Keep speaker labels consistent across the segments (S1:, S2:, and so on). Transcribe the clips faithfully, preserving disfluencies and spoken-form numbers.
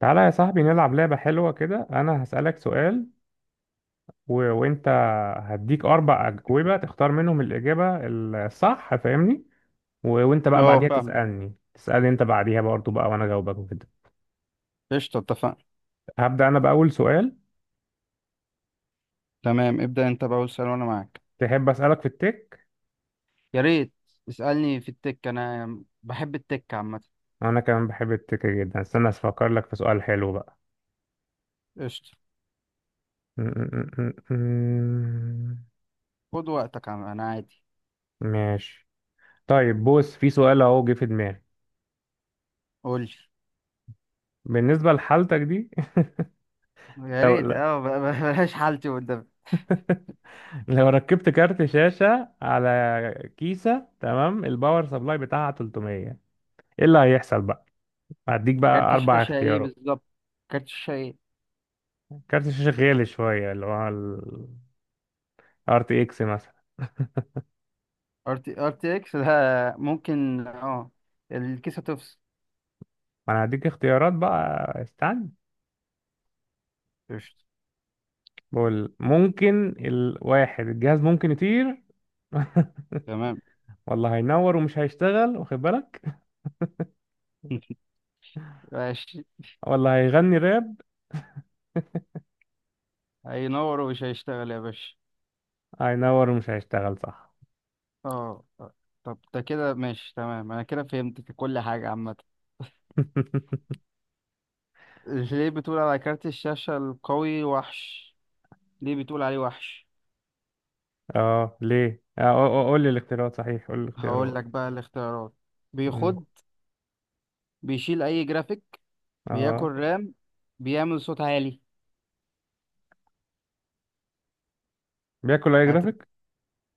S1: تعالى يا صاحبي نلعب لعبة حلوة كده. أنا هسألك سؤال و... وأنت هديك أربع أجوبة تختار منهم الإجابة الصح، فاهمني؟ و... وأنت بقى
S2: اه،
S1: بعديها اه
S2: فاهم.
S1: تسألني تسألني أنت بعديها برضه بقى، وأنا أجاوبك وكده.
S2: قشطة، اتفقنا.
S1: هبدأ أنا بأول سؤال.
S2: تمام، ابدأ انت بقى سؤال وانا معاك.
S1: تحب أسألك في التك؟
S2: يا ريت. اسألني في التك، انا بحب التك عامة.
S1: أنا كمان بحب التك جدا. استنى أفكر لك في سؤال حلو بقى.
S2: قشطة. خد وقتك، عم- انا عادي.
S1: ماشي. طيب بص، في سؤال أهو جه في دماغي.
S2: قول لي.
S1: بالنسبة لحالتك دي
S2: يا
S1: لو
S2: ريت.
S1: لا،
S2: اه ب- ب- بلاش حالتي قدام.
S1: لو ركبت كارت شاشة على كيسة تمام، الباور سبلاي بتاعها تلاتمية، ايه اللي هيحصل بقى؟ هديك بقى
S2: كارت
S1: اربع
S2: الشاشة ايه
S1: اختيارات.
S2: بالظبط؟ كارت الشاشة ايه؟
S1: كارت الشاشة غالي شوية، اللي هو ال آر تي إكس مثلا.
S2: ار تي ار تي اكس ده ممكن. اه الكيسة تفصل.
S1: ما انا هديك اختيارات بقى، استنى.
S2: قشطة.
S1: بقول ممكن الواحد الجهاز ممكن يطير،
S2: تمام.
S1: ولا هينور ومش هيشتغل، واخد بالك،
S2: ماشي.
S1: ولا هيغني راب.
S2: هينور ومش هيشتغل يا باشا.
S1: هينور ومش هيشتغل، صح.
S2: اه آه. طب ده كده ماشي تمام، انا كده فهمت كل حاجة عامة. ليه بتقول على كارت الشاشة القوي وحش؟ ليه بتقول عليه وحش؟
S1: اه ليه آه، قول لي الاختيارات. صحيح، قول لي
S2: هقول
S1: الاختيارات.
S2: لك بقى الاختيارات.
S1: مم.
S2: بيخد. بيشيل اي جرافيك. بياكل
S1: اه
S2: رام. بيعمل صوت عالي.
S1: بياكل اي
S2: هت...
S1: جرافيك.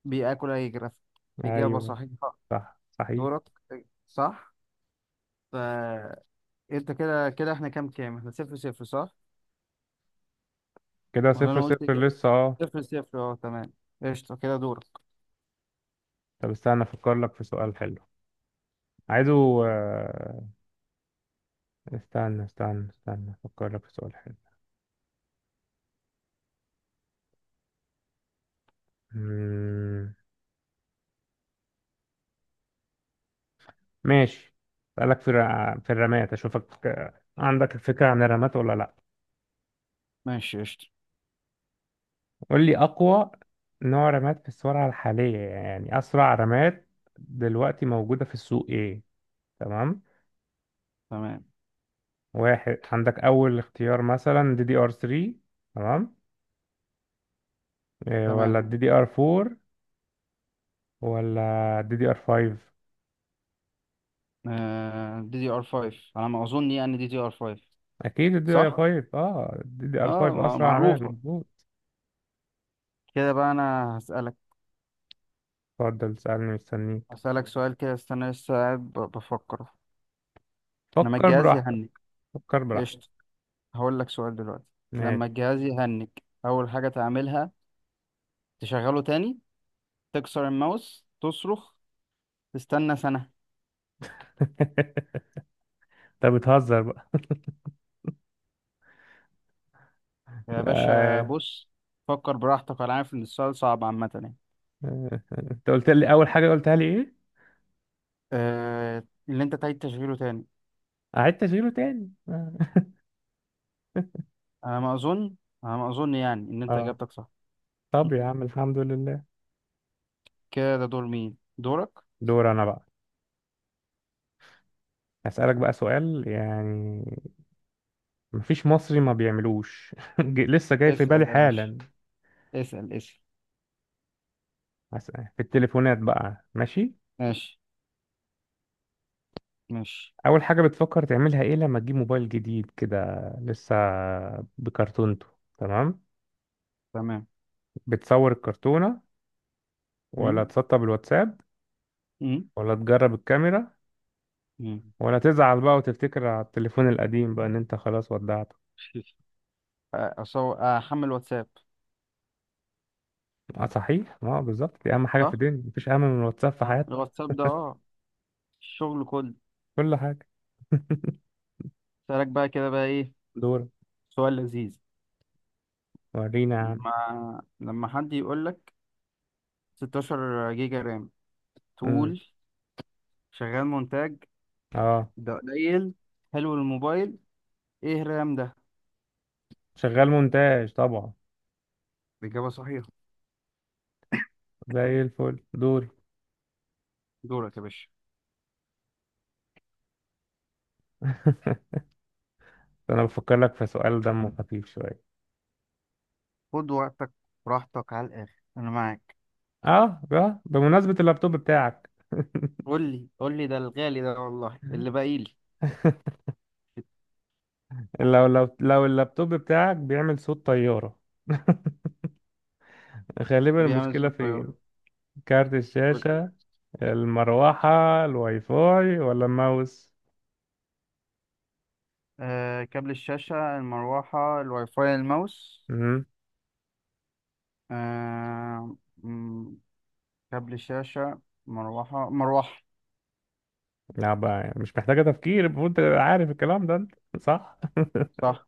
S2: بياكل اي جرافيك. اجابة
S1: ايوه،
S2: صحيحة.
S1: صح صحيح.
S2: دورك. صح. فانت. كده كده احنا كام كام احنا صفر صفر صح.
S1: كده
S2: ولا
S1: صفر
S2: انا قلت
S1: صفر
S2: إجابة؟
S1: لسه، اه.
S2: صفر صفر، اه، تمام. قشطة كده دورك.
S1: طب استنى افكر لك في سؤال حلو. عايزه آه، استنى استنى استنى افكر لك في سؤال حلو. مم، ماشي. اسالك في الر- في الرمات، اشوفك آه، عندك فكرة عن الرمات ولا لا؟
S2: ماشي. قشطة.
S1: قول لي اقوى نوع رمات في السرعة الحالية، يعني اسرع رمات دلوقتي موجودة في السوق ايه. تمام؟
S2: تمام
S1: واحد، عندك اول اختيار مثلا دي دي ار تلاتة، تمام، إيه، ولا
S2: تمام.
S1: الدي دي ار اربعة، ولا الدي دي ار خمسة؟
S2: آه... دي دي ار خمسة على ما اظن، يعني دي دي ار خمسة.
S1: اكيد الدي دي ار
S2: صح.
S1: خمسة، اه الدي دي ار
S2: اه
S1: خمسة
S2: مع-
S1: اسرع، عمال
S2: معروفة.
S1: مظبوط.
S2: كده بقى انا هسألك
S1: اتفضل سألني، مستنيك.
S2: هسألك سؤال كده، استنى لسه قاعد ب- بفكر. لما
S1: فكر
S2: الجهاز
S1: براحتك.
S2: يهنج.
S1: فكر
S2: قشطة.
S1: براحتك.
S2: هقول لك سؤال دلوقتي. لما
S1: ماشي.
S2: الجهاز يهنج، اول حاجة تعملها؟ تشغله تاني. تكسر الماوس، تصرخ. تستنى سنة.
S1: انت بتهزر بقى.
S2: يا باشا
S1: آه.
S2: بص. فكر براحتك، انا عارف ان السؤال صعب عامة يعني.
S1: آه. انت قلت لي اول حاجه، قلتها لي ايه؟
S2: آه، اللي انت تعيد تشغيله تاني.
S1: قعدت اشيله تاني، اه.
S2: انا ما اظن انا ما اظن يعني ان انت
S1: آه.
S2: اجابتك صح.
S1: طب يا عم الحمد لله.
S2: كده ده دور مين؟ دورك.
S1: دور انا بقى. هسألك بقى سؤال، يعني مفيش مصري ما بيعملوش. ج- لسه جاي في
S2: اسأل
S1: بالي
S2: يا باشا.
S1: حالا.
S2: اسأل اسأل.
S1: هس- في التليفونات بقى، ماشي؟
S2: ماشي. ماشي.
S1: اول حاجه بتفكر تعملها ايه لما تجيب موبايل جديد كده لسه بكرتونته؟ تمام.
S2: تمام.
S1: بتصور الكرتونه، ولا
S2: امم
S1: تسطب الواتساب،
S2: امم
S1: ولا تجرب الكاميرا،
S2: امم
S1: ولا تزعل بقى وتفتكر على التليفون القديم بقى ان انت خلاص ودعته؟
S2: اصل هو احمل واتساب.
S1: اه صحيح، اه بالظبط، دي اهم حاجه في
S2: صح.
S1: الدنيا، مفيش اهم من الواتساب في حياتك.
S2: الواتساب ده، اه الشغل كله.
S1: كل حاجه.
S2: سألك بقى كده بقى ايه؟
S1: دورك.
S2: سؤال لذيذ.
S1: ورينا يا عم.
S2: لما لما حد يقول لك ستة عشر جيجا رام
S1: امم،
S2: تقول شغال مونتاج.
S1: اه،
S2: ده قليل. حلو الموبايل. ايه الرام ده؟
S1: شغال مونتاج طبعا،
S2: الإجابة صحيحة.
S1: زي الفل. دوري.
S2: دورك يا باشا.
S1: انا بفكر لك في سؤال دمه خفيف شويه.
S2: خد وقتك. براحتك على الآخر، أنا معاك.
S1: اه اه بمناسبه اللابتوب بتاعك.
S2: قول لي قول لي، ده الغالي ده والله اللي باقي لي.
S1: لو لو لو اللابتوب بتاعك بيعمل صوت طيارة، غالبا
S2: بيعمل
S1: المشكلة
S2: ستة.
S1: فين؟ كارت الشاشة، المروحة، الواي فاي، ولا الماوس؟
S2: آه، كابل الشاشة، المروحة، الواي فاي، الماوس.
S1: امم.
S2: آه، مم، كابل الشاشة. مروحة مروحة.
S1: لا بقى، يعني مش محتاجة تفكير، المفروض انت عارف الكلام ده انت، صح.
S2: صح.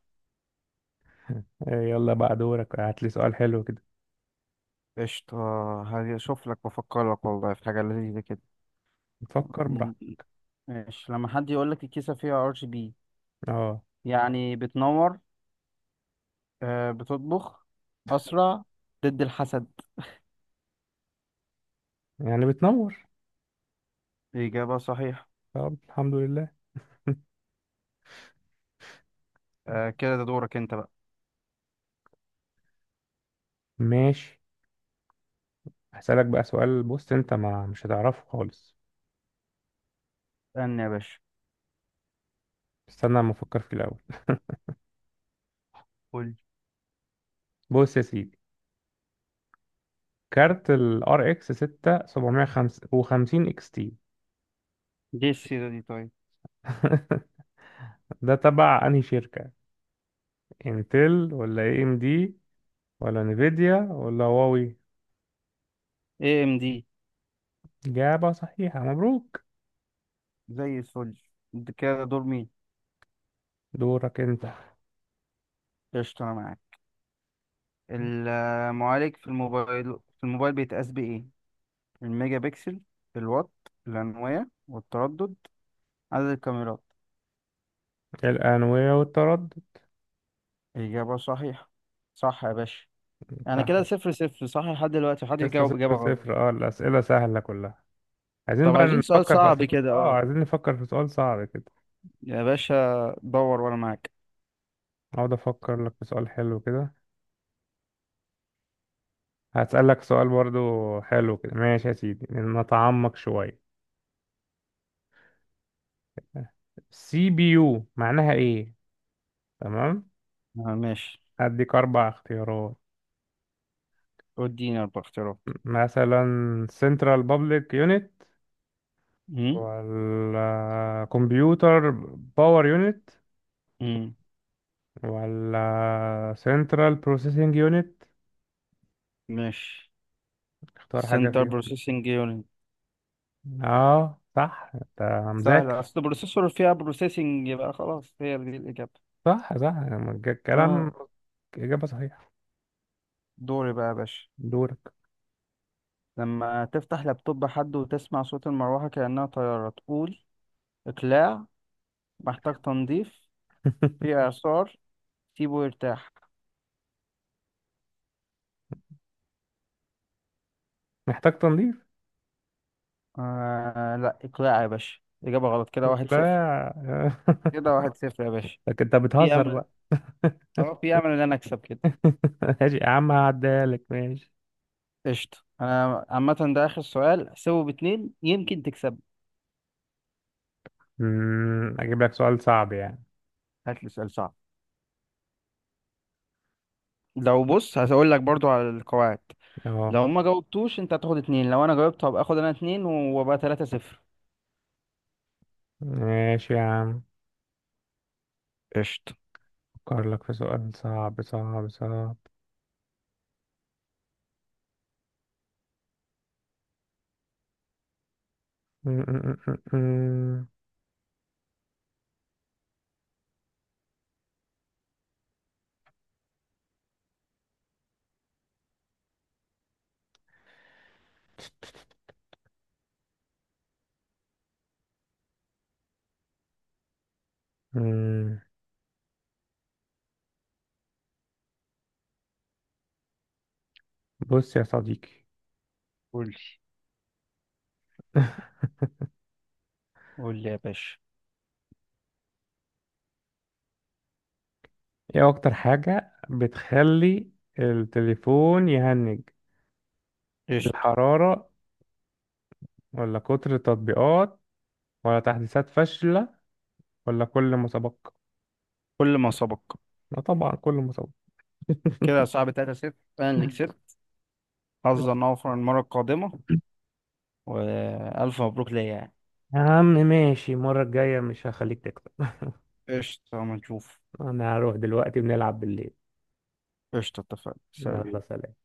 S1: يلا بقى دورك، هات لي سؤال حلو كده.
S2: قشطة. هشوف لك وأفكر لك والله في حاجة لذيذة كده.
S1: نفكر براحتك.
S2: مم. ماشي. لما حد يقول لك الكيسة فيها ار جي بي،
S1: اه.
S2: يعني بتنور؟ آه، بتطبخ؟ أسرع؟ ضد الحسد؟
S1: يعني بتنور.
S2: إجابة صحيحة.
S1: طب الحمد لله.
S2: آه، كده ده دورك أنت بقى.
S1: ماشي. هسألك بقى سؤال، بص انت ما مش هتعرفه خالص.
S2: استنى يا باشا.
S1: استنى ما افكر فيه الاول.
S2: قول لي.
S1: بص يا سيدي، كارت ال R X ستة سبعة خمسة صفر اكس تي،
S2: دي السيرة دي طيب.
S1: ده تبع انهي شركة؟ انتل، ولا اي ام دي، ولا نيفيديا، ولا هواوي؟
S2: اي ام دي.
S1: إجابة صحيحة، مبروك.
S2: زي الفل. ده كده دور مين؟
S1: دورك انت.
S2: قشطة أنا معاك. المعالج في الموبايل في الموبايل بيتقاس بإيه؟ الميجا بكسل. الوات. الأنوية والتردد. عدد الكاميرات.
S1: الأنوية والتردد.
S2: إجابة صحيحة. صح يا باشا. يعني
S1: صح.
S2: كده صفر صفر، صح، لحد دلوقتي محدش
S1: لسه
S2: جاوب
S1: صفر
S2: إجابة غلط.
S1: صفر اه، الأسئلة سهلة كلها. عايزين
S2: طب
S1: بقى
S2: عايزين سؤال
S1: نفكر في
S2: صعب
S1: أسئلة،
S2: كده،
S1: اه
S2: اه
S1: عايزين نفكر في سؤال صعب كده.
S2: يا باشا دور وأنا معاك.
S1: اقعد افكر لك في سؤال حلو كده. هسألك سؤال برضو حلو كده، ماشي يا سيدي، نتعمق شوية. سي بي يو معناها ايه؟ تمام.
S2: آه ماشي.
S1: هديك اربع اختيارات.
S2: اديني أربع اختيارات.
S1: مثلا سنترال بابليك يونت،
S2: مم؟
S1: ولا كمبيوتر باور يونت،
S2: مم.
S1: ولا سنترال بروسيسنج يونت؟
S2: ماشي.
S1: اختار حاجة
S2: سنتر
S1: فيهم.
S2: بروسيسنج يونت.
S1: اه صح، انت
S2: سهلة،
S1: مذاكر.
S2: أصل بروسيسور فيها بروسيسنج يبقى خلاص هي دي الإجابة.
S1: صح صح
S2: اه.
S1: الكلام. إجابة صحيحة.
S2: دوري بقى يا باشا.
S1: دورك.
S2: لما تفتح لابتوب حد وتسمع صوت المروحة كأنها طيارة تقول؟ إقلاع. محتاج تنظيف. في إعصار. سيبه يرتاح.
S1: محتاج تنظيف.
S2: آه لا، إقلاع يا باشا، إجابة غلط. كده واحد
S1: لا.
S2: صفر. كده واحد صفر يا باشا.
S1: لكن انت
S2: في
S1: بتهزر
S2: أمل.
S1: بقى.
S2: أه في أمل إن أنا أكسب كده.
S1: ماشي يا عم، هعديها لك، ماشي.
S2: قشطة أنا عامة، ده آخر سؤال، سيبه باتنين يمكن تكسب.
S1: مم، أجيب لك سؤال صعب يعني.
S2: هات لي سؤال صعب. لو بص هقول لك برضو على القواعد.
S1: أهو.
S2: لو ما جاوبتوش أنت هتاخد اتنين، لو أنا جاوبت هبقى آخد أنا اتنين وأبقى تلاتة صفر.
S1: ماشي يا عم.
S2: قشطة.
S1: أفكر لك في سؤال صعب صعب صعب. مم، مم، مم، مم. مم. بص يا صديقي.
S2: قول لي. قول لي يا باشا.
S1: إيه أكتر حاجة بتخلي التليفون يهنج؟
S2: قشطة.
S1: الحرارة، ولا كتر التطبيقات، ولا تحديثات فاشلة، ولا كل مسابقة؟
S2: كل ما سبق.
S1: لا طبعا، كل مسابقة.
S2: كده يا صاحبي تلاتة صفر، انا اللي كسبت. حظا اوفر المرة القادمة. والف مبروك ليا يعني.
S1: يا عم ماشي، المرة الجاية مش هخليك تكسب.
S2: قشطة، اما نشوف.
S1: أنا هروح دلوقتي، بنلعب بالليل.
S2: قشطة اتفقنا، سلام.
S1: يلا سلام.